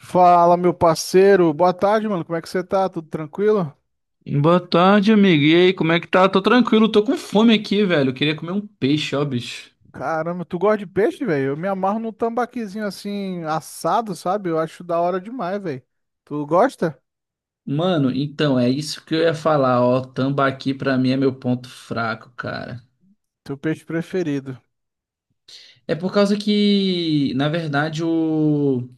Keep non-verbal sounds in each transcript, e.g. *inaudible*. Fala, meu parceiro. Boa tarde, mano. Como é que você tá? Tudo tranquilo? Boa tarde, amigo. E aí, como é que tá? Tô tranquilo, tô com fome aqui, velho. Queria comer um peixe, ó, bicho. Caramba, tu gosta de peixe, velho? Eu me amarro num tambaquizinho assim, assado, sabe? Eu acho da hora demais, velho. Tu gosta? Mano, então, é isso que eu ia falar, ó. Tambaqui pra mim é meu ponto fraco, cara. Teu peixe preferido. É por causa que, na verdade, o,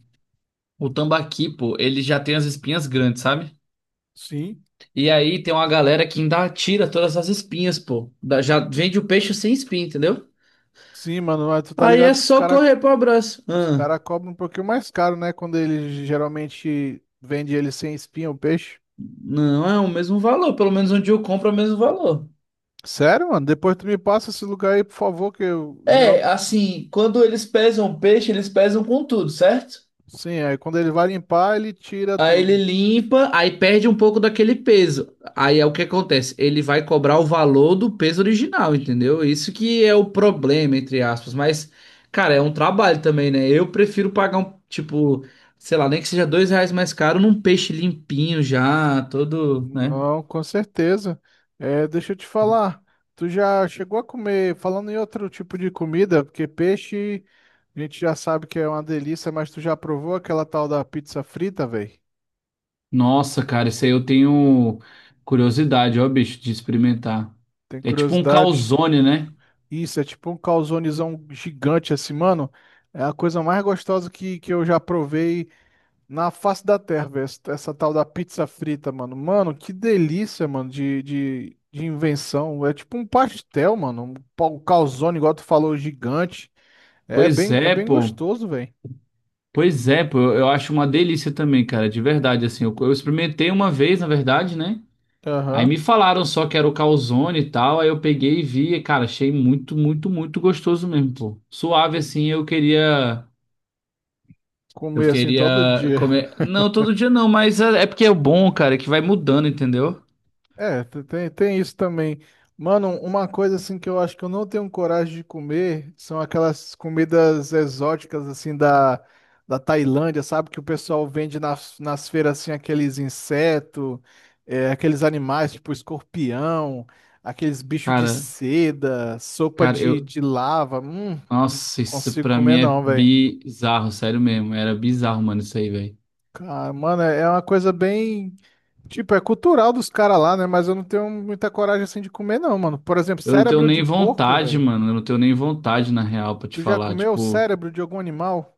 o tambaqui, pô, ele já tem as espinhas grandes, sabe? Sim. E aí tem uma galera que ainda tira todas as espinhas, pô. Já vende o peixe sem espinha, entendeu? Sim, mano. Mas tu tá Aí é ligado que os só cara, correr pro abraço. os Ah, cara cobram um pouquinho mais caro, né? Quando ele geralmente vende ele sem espinha, o peixe. não é o mesmo valor, pelo menos onde eu compro é o mesmo valor. Sério, mano? Depois tu me passa esse lugar aí, por favor, que eu É, geral... assim, quando eles pesam o peixe, eles pesam com tudo, certo? Sim, aí quando ele vai limpar, ele tira Aí ele tudo. limpa, aí perde um pouco daquele peso. Aí é o que acontece, ele vai cobrar o valor do peso original, entendeu? Isso que é o problema, entre aspas. Mas, cara, é um trabalho também, né? Eu prefiro pagar um, tipo, sei lá, nem que seja dois reais mais caro num peixe limpinho já, todo, né? Não, com certeza. É, deixa eu te falar. Tu já chegou a comer, falando em outro tipo de comida, porque peixe a gente já sabe que é uma delícia, mas tu já provou aquela tal da pizza frita, velho? Nossa, cara, isso aí eu tenho curiosidade, ó, bicho, de experimentar. Tem É tipo um curiosidade? calzone, né? Isso, é tipo um calzonezão gigante assim, mano. É a coisa mais gostosa que eu já provei. Na face da terra, velho, essa tal da pizza frita, mano. Mano, que delícia, mano, de invenção. É tipo um pastel, mano. Um calzone, igual tu falou, gigante. É Pois bem, é é, bem pô. gostoso, velho. Pois é, pô. Eu acho uma delícia também, cara, de verdade, assim. Eu experimentei uma vez, na verdade, né? Aí Aham. me falaram só que era o calzone e tal, aí eu peguei e vi, e, cara, achei muito, muito, muito gostoso mesmo, pô. Suave, assim, eu queria... Eu Comer assim todo queria dia. comer... Não, todo dia não, mas é porque é bom, cara, é que vai mudando, entendeu? É, tem isso também. Mano, uma coisa assim que eu acho que eu não tenho coragem de comer são aquelas comidas exóticas assim da Tailândia, sabe? Que o pessoal vende nas feiras assim aqueles insetos, aqueles animais tipo escorpião, aqueles bichos de Cara, seda, sopa cara, eu... de lava. Não Nossa, isso consigo pra mim comer é não, velho. bizarro, sério mesmo. Era bizarro, mano, isso aí, velho. Cara, mano, é uma coisa bem tipo, é cultural dos caras lá, né? Mas eu não tenho muita coragem assim de comer, não, mano. Por exemplo, Eu não tenho cérebro de nem porco, vontade, velho. mano. Eu não tenho nem vontade, na real, pra te Tu já falar. comeu Tipo, cérebro de algum animal?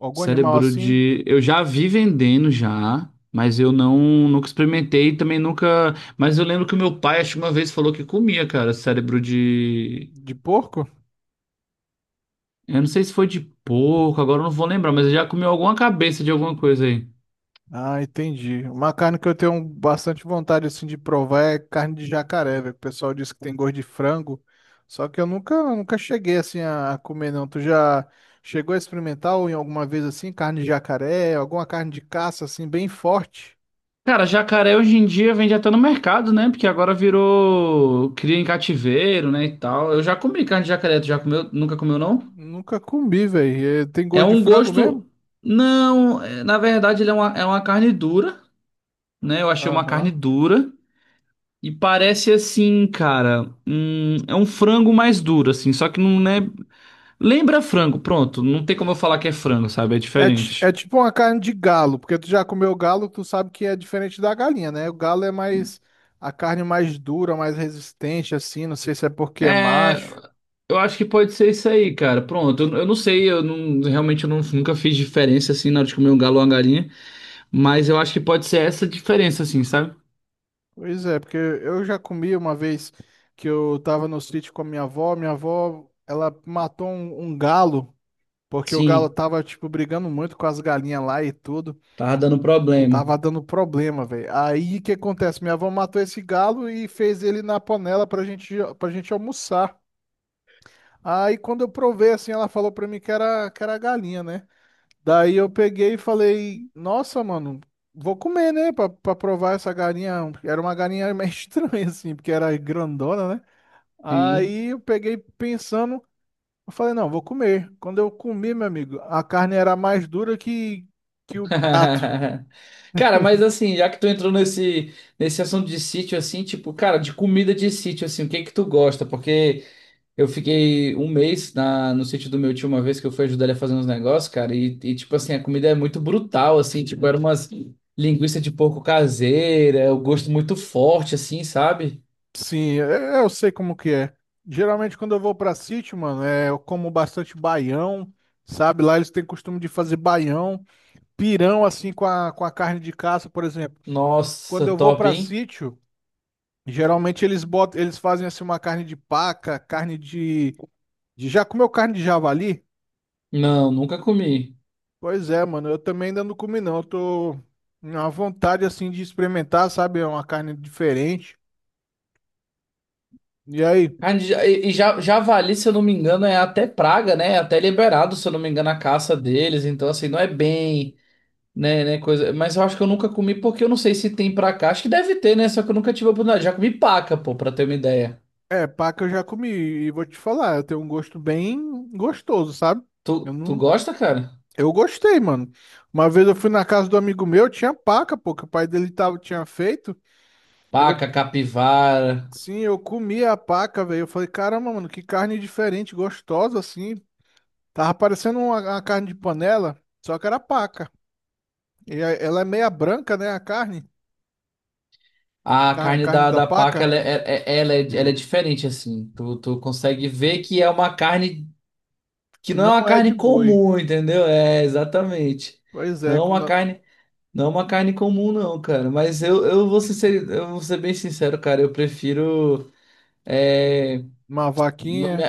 Algum animal cérebro assim? de. Eu já vi vendendo já, mas eu não nunca experimentei e também nunca. Mas eu lembro que o meu pai, acho que uma vez, falou que comia, cara, cérebro de. De porco? Eu não sei se foi de porco, agora eu não vou lembrar, mas eu já comeu alguma cabeça de alguma coisa aí. Ah, entendi. Uma carne que eu tenho bastante vontade assim de provar é carne de jacaré, velho. O pessoal diz que tem gosto de frango. Só que eu nunca, nunca cheguei assim a comer, não. Tu já chegou a experimentar ou em alguma vez assim, carne de jacaré, alguma carne de caça assim, bem forte? Cara, jacaré hoje em dia vende até no mercado, né? Porque agora virou cria em cativeiro, né, e tal. Eu já comi carne de jacaré, tu já comeu? Nunca comeu, não? Nunca comi, velho. Tem É gosto de um frango mesmo? gosto. Não, na verdade, ele é é uma carne dura, né? Eu achei uma carne Aham. dura. E parece assim, cara. É um frango mais duro, assim. Só que não é. Lembra frango, pronto. Não tem como eu falar que é frango, sabe? É É, é diferente. tipo uma carne de galo, porque tu já comeu galo, tu sabe que é diferente da galinha, né? O galo é mais a carne mais dura, mais resistente, assim. Não sei se é porque é É. macho. Eu acho que pode ser isso aí, cara. Pronto. Eu não sei. Eu não, realmente eu não- nunca fiz diferença, assim, na hora de comer um galo ou uma galinha. Mas eu acho que pode ser essa diferença, assim, sabe? Pois é, porque eu já comi uma vez que eu tava no sítio com a minha avó. Minha avó, ela matou um galo, porque o galo Sim, tava, tipo, brigando muito com as galinhas lá e tudo. tava dando problema. Tava dando problema, velho. Aí o que acontece? Minha avó matou esse galo e fez ele na panela pra gente almoçar. Aí quando eu provei assim, ela falou pra mim que era galinha, né? Daí eu peguei e falei, nossa, mano, vou comer, né? Pra provar essa galinha. Era uma galinha meio *laughs* estranha, assim, porque era grandona, né? Sim. Aí eu peguei pensando, eu falei, não, vou comer. Quando eu comi, meu amigo, a carne era mais dura que o prato. *laughs* Cara, mas assim, já que tu entrou nesse assunto de sítio, assim, tipo, cara, de comida de sítio, assim, o que que tu gosta? Porque eu fiquei um mês na, no sítio do meu tio uma vez que eu fui ajudar ele a fazer uns negócios, cara, e tipo assim, a comida é muito brutal, assim, tipo, era umas linguiça de porco caseira, o gosto muito forte, assim, sabe? Sim, eu sei como que é. Geralmente quando eu vou pra sítio, mano, é, eu como bastante baião, sabe? Lá eles têm costume de fazer baião, pirão assim com a carne de caça, por exemplo. Quando Nossa, eu vou top, para hein? sítio, geralmente eles botam, eles fazem assim uma carne de paca, carne de já comeu carne de javali? Não, nunca comi. Pois é, mano, eu também ainda não comi não. Eu tô na vontade assim de experimentar, sabe? É uma carne diferente. E aí, Carne de ja- E e ja- Javali, se eu não me engano, é até praga, né? É até liberado, se eu não me engano, a caça deles. Então, assim, não é bem, né, coisa. Mas eu acho que eu nunca comi porque eu não sei se tem pra cá. Acho que deve ter, né? Só que eu nunca tive a oportunidade. Já comi paca, pô, pra ter uma ideia. é, paca eu já comi e vou te falar, eu tenho um gosto bem gostoso, sabe? Eu Tu não gosta, cara? Eu gostei, mano. Uma vez eu fui na casa do amigo meu, tinha paca, pô, que o pai dele tava, tinha feito. Eu Paca, capivara. Sim, eu comi a paca, velho. Eu falei, caramba, mano, que carne diferente, gostosa assim. Tava parecendo uma carne de panela, só que era paca. E ela é meia branca, né, a carne, A a carne carne da, da da paca, paca, ela é, é- é- ela é, ela é diferente, assim. Tu consegue ver que é uma carne que que não é uma não é de carne boi. comum, entendeu? É, exatamente. Pois Não é, é como uma carne. Não é uma carne comum, não, cara. Mas eu vou ser, eu vou ser bem sincero, cara. Eu prefiro. É, uma não me, vaquinha,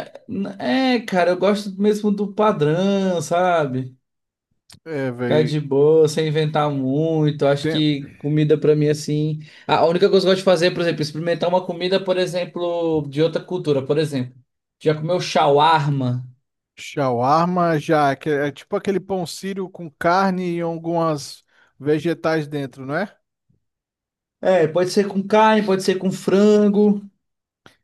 é, cara, eu gosto mesmo do padrão, sabe? é, Ficar de velho. boa, sem inventar muito. Acho Tem que comida pra mim, assim. A única coisa que eu gosto de fazer é, por exemplo, experimentar uma comida, por exemplo, de outra cultura. Por exemplo, já comeu shawarma? shawarma já, que é tipo aquele pão sírio com carne e algumas vegetais dentro, não é? É, pode ser com carne, pode ser com frango,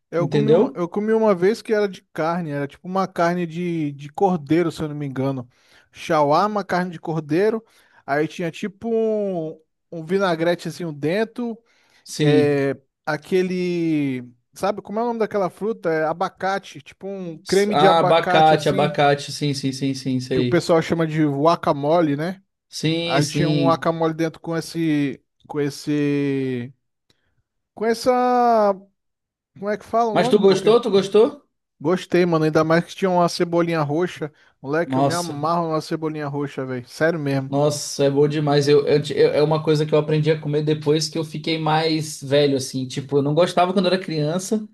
Entendeu? Eu comi uma vez que era de carne, era tipo uma carne de cordeiro, se eu não me engano. Shawarma, carne de cordeiro. Aí tinha tipo vinagrete assim dentro. Sim. É, aquele. Sabe como é o nome daquela fruta? É abacate. Tipo um creme de Ah, abacate abacate, assim, abacate. Sim, sim, sim, sim, que o sei. pessoal chama de guacamole, né? Sim, Aí tinha um sim. guacamole dentro com esse. Com essa. Como é que fala o Mas tu nome, pô? gostou? Tu gostou? Gostei, mano. Ainda mais que tinha uma cebolinha roxa. Moleque, eu me Nossa, amarro na cebolinha roxa, velho. Sério mesmo. nossa, é bom demais. É uma coisa que eu aprendi a comer depois que eu fiquei mais velho, assim. Tipo, eu não gostava quando era criança.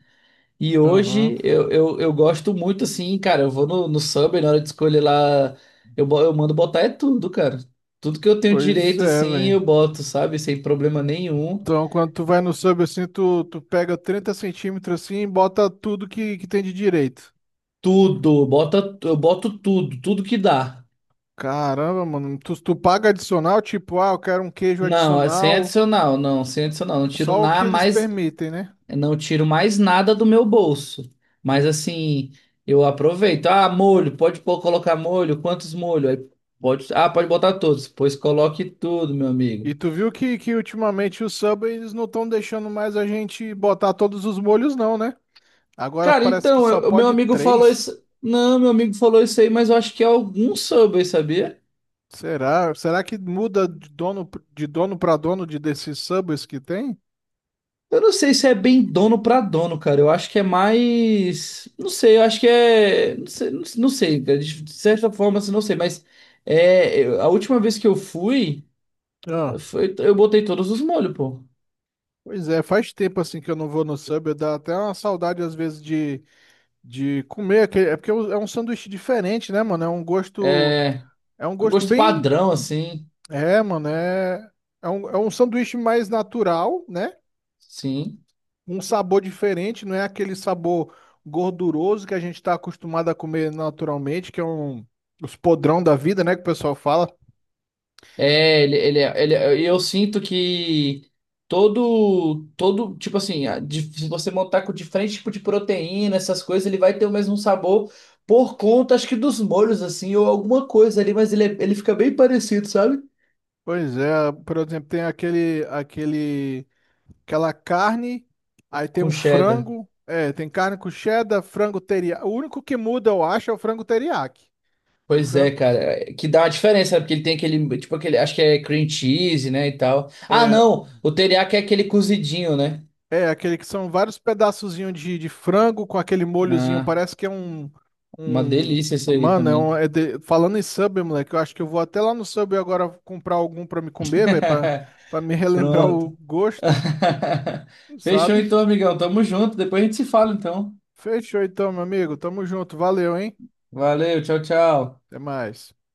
E Aham. hoje eu gosto muito, assim, cara. Eu vou no Subway, na hora de escolher lá, eu mando botar é tudo, cara. Tudo que eu tenho Pois direito, é, assim, velho. eu boto, sabe? Sem problema nenhum. Então, quando tu vai no sub assim, tu pega 30 centímetros assim e bota tudo que tem de direito. Tudo, bota, eu boto tudo, tudo que dá. Caramba, mano. Tu paga adicional, tipo, ah, eu quero um queijo Não, é sem adicional. adicional, não, sem adicional. Não tiro Só o que nada eles mais, permitem, né? não tiro mais nada do meu bolso. Mas assim, eu aproveito. Ah, molho, pode pôr, colocar molho, quantos molho? Aí pode, ah, pode botar todos. Pois coloque tudo, meu amigo. E tu viu que ultimamente o sub eles não estão deixando mais a gente botar todos os molhos, não, né? Agora Cara, parece que então, só o meu pode amigo falou três. isso. Não, meu amigo falou isso aí, mas eu acho que é algum Subway, sabia? Será? Será que muda de dono para dono de desses subways que tem? Eu não sei se é bem dono pra dono, cara. Eu acho que é mais. Não sei, eu acho que é. Não sei, não sei, cara. De certa forma, assim, não sei, mas é... a última vez que eu fui, Ah. foi... eu botei todos os molhos, pô. Pois é, faz tempo assim que eu não vou no Subway, dá até uma saudade às vezes de comer, é porque é um sanduíche diferente, né, mano? É um gosto, É é um um gosto gosto bem, padrão, assim. Mano, é um sanduíche mais natural, né? Sim. Um sabor diferente, não é aquele sabor gorduroso que a gente está acostumado a comer naturalmente, que é os podrão da vida, né, que o pessoal fala. É, eu sinto que tipo assim, se você montar com diferente tipo de proteína, essas coisas, ele vai ter o mesmo sabor por conta, acho que dos molhos, assim, ou alguma coisa ali, mas ele fica bem parecido, sabe? Pois é, por exemplo, tem aquele aquele aquela carne, aí tem Com um cheddar. frango, é, tem carne com cheddar, frango teriyaki. O único que muda, eu acho, é o frango teriyaki. O Pois é, frango cara, é, que dá uma diferença, sabe? Porque ele tem aquele, tipo aquele, acho que é cream cheese, né, e tal. Ah, não, o teriyaki é aquele cozidinho, né? É, aquele que são vários pedaçozinhos de frango com aquele molhozinho, Ah, parece que é um, uma um... delícia isso aí Mano, também. Falando em Subway, moleque, eu acho que eu vou até lá no Subway agora comprar algum pra me comer, velho, *laughs* pra me *laughs* relembrar Pronto. o gosto, *laughs* Fechou sabe? então, amigão. Tamo junto. Depois a gente se fala, então. Fechou então, meu amigo, tamo junto, valeu, hein? Valeu, tchau, tchau. Até mais.